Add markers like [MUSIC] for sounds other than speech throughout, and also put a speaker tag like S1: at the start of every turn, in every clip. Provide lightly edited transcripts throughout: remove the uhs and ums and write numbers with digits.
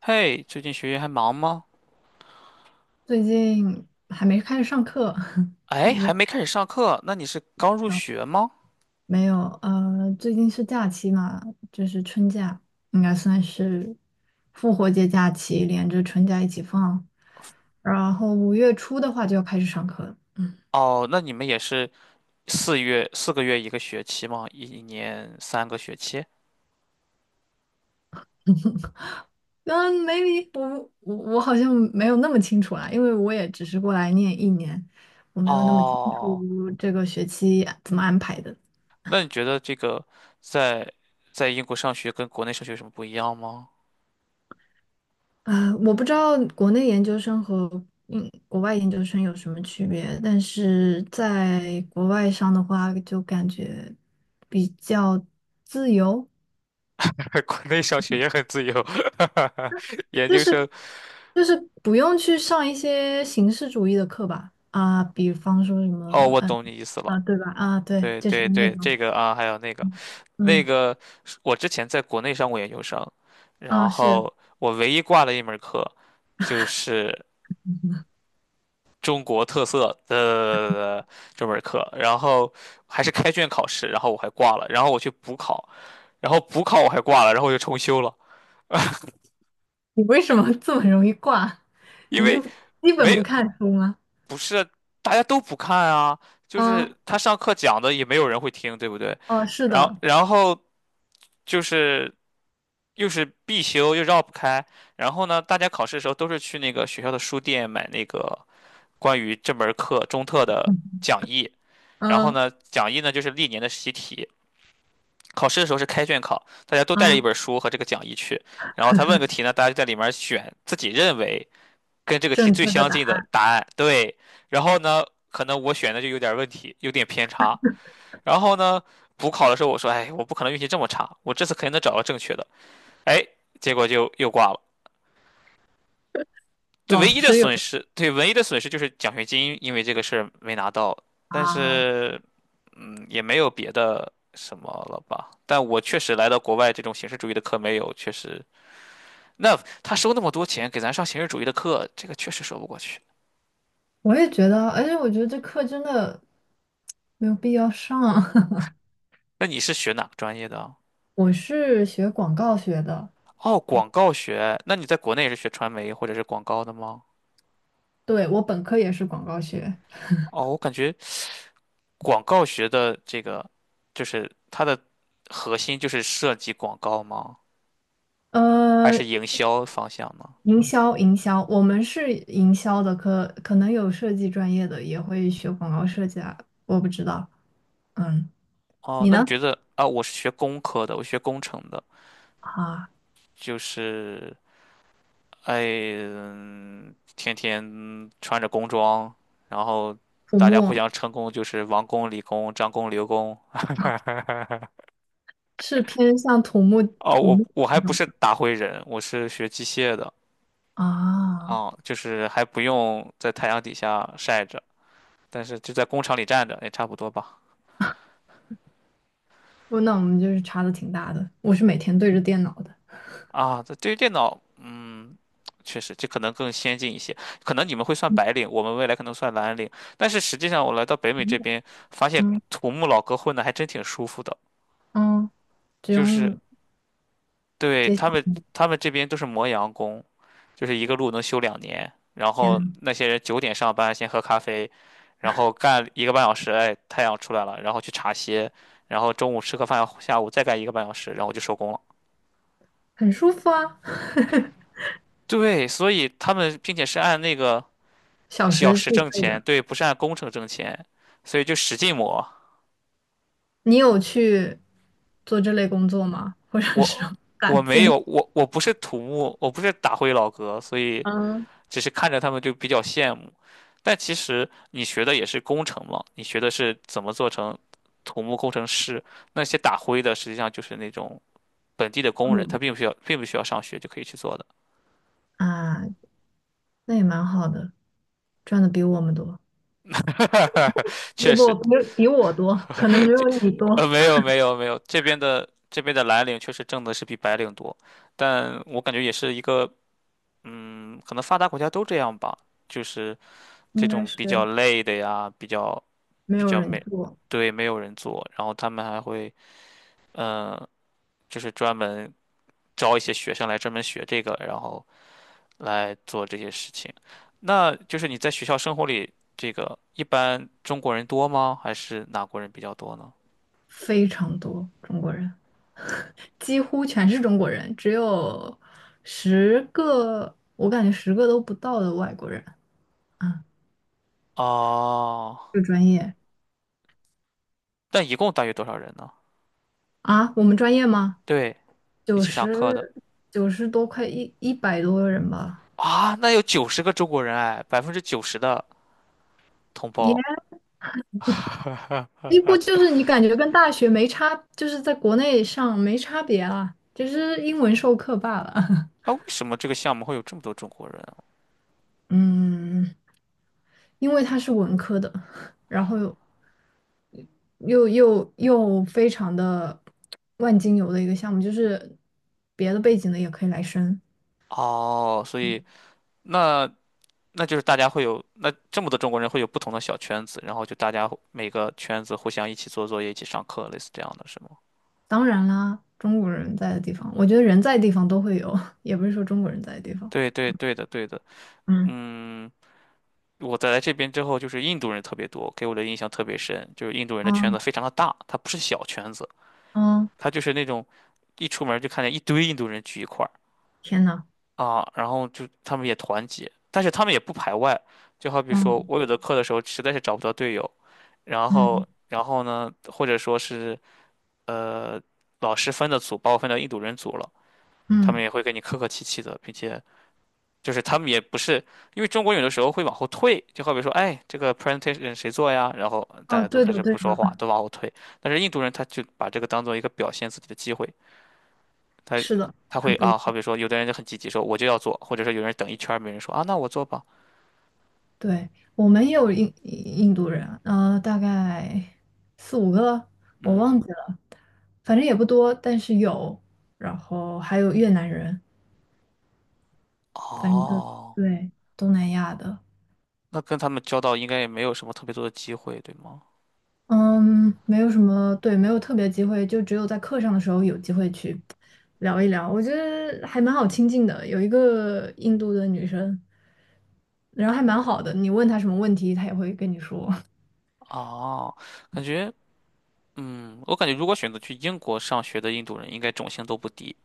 S1: 嘿，最近学业还忙吗？
S2: 最近还没开始上课，[LAUGHS]
S1: 哎，
S2: 你
S1: 还
S2: 在
S1: 没开始上课，那你是刚入
S2: 忙
S1: 学吗？
S2: 没有？最近是假期嘛，就是春假，应该算是复活节假期连着春假一起放。然后5月初的话就要开始上课了。
S1: 哦，那你们也是4个月一个学期吗？一年3个学期？
S2: 嗯，maybe 我好像没有那么清楚啦，因为我也只是过来念一年，我没有那么清
S1: 哦，
S2: 楚这个学期怎么安排的。
S1: 那你觉得这个在在英国上学跟国内上学有什么不一样吗？
S2: 啊，我不知道国内研究生和国外研究生有什么区别，但是在国外上的话，就感觉比较自由，
S1: [LAUGHS] 国内上学也很自由，[LAUGHS] 研
S2: 就
S1: 究生
S2: 是就是不用去上一些形式主义的课吧，啊，比方说什
S1: 哦，
S2: 么，
S1: 我懂你意思
S2: 啊，
S1: 了。
S2: 对吧？啊，对，
S1: 对
S2: 就是
S1: 对
S2: 那
S1: 对，这
S2: 种，
S1: 个啊，还有那个。那
S2: 嗯
S1: 个我之前在国内上过研究生，然
S2: 啊，是
S1: 后我唯一挂的一门课就是中国特色的这门课，然后还是开卷考试，然后我还挂了，然后我去补考，然后补考我还挂了，然后我就重修了，
S2: 你为什么 [LAUGHS] 这么容易挂？
S1: 因
S2: 你是
S1: 为
S2: 基本
S1: 没
S2: 不
S1: 有。
S2: 看书吗？
S1: 不是大家都不看啊，就
S2: 嗯，
S1: 是他上课讲的也没有人会听，对不对？
S2: 哦，是
S1: 然后
S2: 的，
S1: 然后就是又是必修又绕不开，然后呢，大家考试的时候都是去那个学校的书店买那个关于这门课中特的
S2: 嗯
S1: 讲义，然后
S2: 嗯，
S1: 呢，讲义呢就是历年的习题。考试的时候是开卷考，大家都带着一
S2: 啊
S1: 本书和这个讲义去，然后他问个题呢，大家就在里面选自己认为跟这个题
S2: 正确
S1: 最
S2: 的
S1: 相
S2: 答
S1: 近的答案，对。然后呢，可能我选的就有点问题，有点偏差。然后呢，补考的时候我说，哎，我不可能运气这么差，我这次肯定能找到正确的。哎，结果就又挂了。对，
S2: 老
S1: 唯一的
S2: 师有
S1: 损失，对，唯一的损失就是奖学金，因为这个事儿没拿到。但
S2: 啊，
S1: 是，嗯，也没有别的什么了吧？但我确实来到国外，这种形式主义的课没有，确实，那他收那么多钱给咱上形式主义的课，这个确实说不过去。
S2: 我也觉得，而且我觉得这课真的没有必要上。[LAUGHS]
S1: 那你是学哪个专业的啊？
S2: 我是学广告学的，
S1: 哦，广告学，那你在国内也是学传媒或者是广告的吗？
S2: 对，我本科也是广告学，
S1: 哦，我感觉广告学的这个，就是它的核心就是设计广告吗？还
S2: 呃，
S1: 是营销方向呢？
S2: 营销，营销，我们是营销的可能有设计专业的也会学广告设计啊，我不知道。嗯，
S1: 哦，
S2: 你
S1: 那你
S2: 呢？
S1: 觉得啊，我是学工科的，我学工程的，
S2: 啊，
S1: 就是哎，嗯天天穿着工装，然后
S2: 土
S1: 大家互
S2: 木
S1: 相称工，就是王工、李工、张工、刘工。
S2: 是偏向土木
S1: 哦，
S2: 土
S1: 我
S2: 木
S1: 我还
S2: 那
S1: 不
S2: 种
S1: 是打灰人，我是学机械的。
S2: 啊，
S1: 啊，就是还不用在太阳底下晒着，但是就在工厂里站着也差不多吧。
S2: 不，那我们就是差的挺大的。我是每天对着电脑的。
S1: 啊，这对于电脑，嗯，确实这可能更先进一些，可能你们会算
S2: 嗯
S1: 白领，我们未来可能算蓝领。但是实际上，我来到北美这边，发现
S2: 嗯
S1: 土木老哥混的还真挺舒服的，
S2: 嗯，只
S1: 就是
S2: 用
S1: 对
S2: 接小
S1: 他们，他们这边都是磨洋工，就是一个路能修2年。然
S2: 天
S1: 后
S2: 呐，
S1: 那些人9点上班，先喝咖啡，然后干一个半小时，哎，太阳出来了，然后去茶歇，然后中午吃个饭，下午再干一个半小时，然后就收工了。
S2: 很舒服啊，[LAUGHS]
S1: 对，所以他们并且是按那个
S2: 小
S1: 小
S2: 时
S1: 时
S2: 自
S1: 挣
S2: 费
S1: 钱，
S2: 的。
S1: 对，不是按工程挣钱，所以就使劲磨。
S2: 你有去做这类工作吗？或者是
S1: 我
S2: [LAUGHS] 打
S1: 我没
S2: 尖？
S1: 有，我我不是土木，我不是打灰老哥，所以
S2: 嗯
S1: 只是看着他们就比较羡慕。但其实你学的也是工程嘛，你学的是怎么做成土木工程师，那些打灰的实际上就是那种本地的工人，他
S2: 嗯，
S1: 并不需要，并不需要上学就可以去做的。
S2: 啊，那也蛮好的，赚的比我们多，
S1: [LAUGHS]
S2: 不
S1: 确
S2: 不，
S1: 实，
S2: 比我多，可能没有你多，
S1: 没有没有没有，这边的蓝领确实挣的是比白领多，但我感觉也是一个，嗯，可能发达国家都这样吧，就是这
S2: 应该
S1: 种比较
S2: 是
S1: 累的呀，比较
S2: 没
S1: 比
S2: 有
S1: 较
S2: 人
S1: 没，
S2: 做，
S1: 对，没有人做，然后他们还会，嗯、就是专门招一些学生来专门学这个，然后来做这些事情。那就是你在学校生活里，这个一般中国人多吗？还是哪国人比较多呢？
S2: 非常多中国人，几乎全是中国人，只有十个，我感觉十个都不到的外国人啊，
S1: 哦，
S2: 这个专业。
S1: 但一共大约多少人呢？
S2: 啊，我们专业吗？
S1: 对，一
S2: 九
S1: 起上课的
S2: 十九十多快一百多人吧，
S1: 啊，那有90个中国人哎，90%的同胞。
S2: 也几乎就是你感觉跟大学没差，就是在国内上没差别啦，就是英文授课罢了。[LAUGHS]
S1: 啊，为什么这个项目会有这么多中国人啊
S2: 嗯，因为他是文科的，然后又非常的万金油的一个项目，就是别的背景的也可以来申。
S1: 哦，所以那那就是大家会有，那这么多中国人会有不同的小圈子，然后就大家互每个圈子互相一起做作业、一起上课，类似这样的是吗？
S2: 当然啦，中国人在的地方，我觉得人在的地方都会有，也不是说中国人在的地方。
S1: 对对对的对的，
S2: 嗯
S1: 嗯，我在来这边之后，就是印度人特别多，给我的印象特别深，就是印度人的圈
S2: 嗯。
S1: 子非常的大，它不是小圈子，
S2: 嗯，
S1: 它就是那种一出门就看见一堆印度人聚一块儿
S2: 天呐，
S1: 啊，然后就他们也团结，但是他们也不排外，就好比说
S2: 嗯
S1: 我有的课的时候实在是找不到队友，然后
S2: 嗯
S1: 然后呢，或者说是。呃，老师分的组把我分到印度人组了，他们
S2: 嗯，
S1: 也会跟你客客气气的，并且就是他们也不是，因为中国有的时候会往后退，就好比说，哎，这个 presentation 谁做呀？然后大
S2: 哦，
S1: 家都
S2: 对
S1: 开
S2: 的
S1: 始
S2: 对
S1: 不说话，
S2: 的，
S1: 都往后退。但是印度人他就把这个当做一个表现自己的机会，他
S2: 是的，
S1: 他会
S2: 很不一
S1: 啊，好
S2: 样
S1: 比说有的人就很积极说我就要做，或者说有人等一圈儿没人说啊，那我做吧，
S2: 对，我们也有印度人，大概4、5个，我
S1: 嗯，
S2: 忘记了，反正也不多，但是有。然后还有越南人，反正就
S1: 哦，
S2: 对东南亚的，
S1: 那跟他们交道应该也没有什么特别多的机会，对吗？
S2: 嗯，没有什么，对，没有特别机会，就只有在课上的时候有机会去聊一聊。我觉得还蛮好亲近的，有一个印度的女生，然后还蛮好的，你问她什么问题，她也会跟你说。
S1: 哦，感觉。嗯，我感觉如果选择去英国上学的印度人，应该种姓都不低。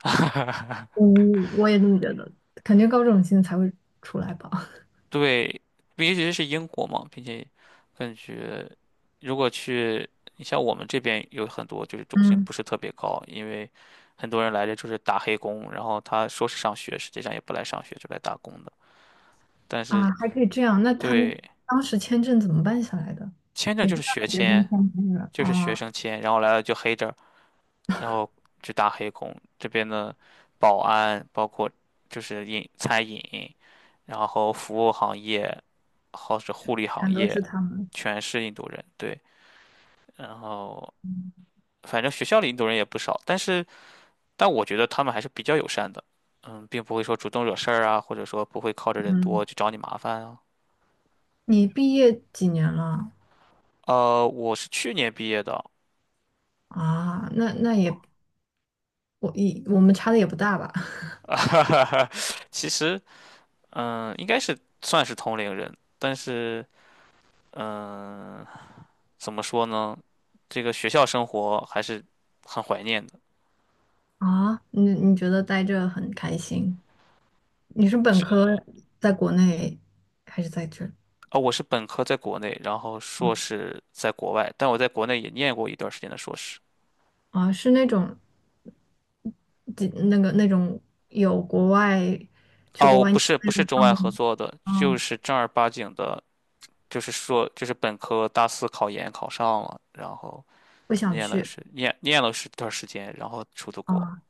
S1: [LAUGHS]
S2: 嗯，我也这么觉得，肯定高中心才会出来吧。
S1: 对，毕竟是英国嘛，并且感觉如果去，你像我们这边有很多就是种姓
S2: 嗯，
S1: 不是特别高，因为很多人来这就是打黑工，然后他说是上学，实际上也不来上学，就来打工的。但
S2: [LAUGHS]
S1: 是
S2: 啊，还可以这样，那他们
S1: 对，
S2: 当时签证怎么办下来的？
S1: 签证就是学
S2: 学生
S1: 签，
S2: 签证了
S1: 就是学
S2: 啊，
S1: 生签，然后来了就黑着，然后去打黑工。这边的保安，包括就是饮餐饮，然后服务行业，或者护理行
S2: 全都
S1: 业，
S2: 是他们。
S1: 全是印度人。对，然后反正学校里印度人也不少，但是但我觉得他们还是比较友善的，嗯，并不会说主动惹事儿啊，或者说不会靠着人多
S2: 嗯，
S1: 去找你麻烦啊。
S2: 你毕业几年了？
S1: 我是去年毕业的，
S2: 啊，那也我们差的也不大吧？[LAUGHS]
S1: [LAUGHS] 其实嗯，应该是算是同龄人，但是嗯。怎么说呢？这个学校生活还是很怀念的。
S2: 啊，你觉得待着很开心？你是本
S1: 这
S2: 科在国内还是在这儿？
S1: 啊，我是本科在国内，然后硕士在国外，但我在国内也念过一段时间的硕士。
S2: 啊，是那种，几那个那种有国外去国
S1: 哦，
S2: 外
S1: 不
S2: 念
S1: 是，不是中
S2: 项
S1: 外
S2: 目
S1: 合
S2: 吗？
S1: 作的，就
S2: 啊，
S1: 是正儿八经的，就是说，就是本科大四考研考上了，然后
S2: 不想
S1: 念了
S2: 去
S1: 是念念了是一段时间，然后出的国。
S2: 啊，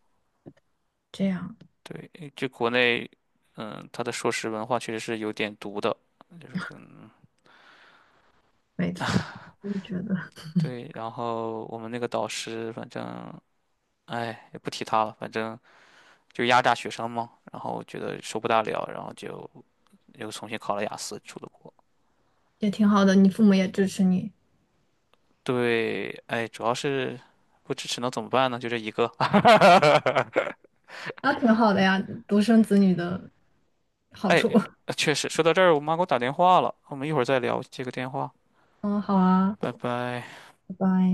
S2: 这样
S1: 对，就国内，嗯，他的硕士文化确实是有点毒的，就是跟。
S2: 没错，
S1: [LAUGHS]
S2: 我也觉得
S1: 对，然后我们那个导师，反正哎，也不提他了，反正就压榨学生嘛。然后觉得受不大了，然后就又重新考了雅思，出了国。
S2: 也挺好的，你父母也支持你，
S1: 对，哎，主要是不支持能怎么办呢？就这一个。[LAUGHS]
S2: 那挺好的呀，独生子女的好处。[LAUGHS]
S1: 确实，说到这儿，我妈给我打电话了，我们一会儿再聊接个电话，
S2: 嗯，好啊，
S1: 拜拜。
S2: 拜拜。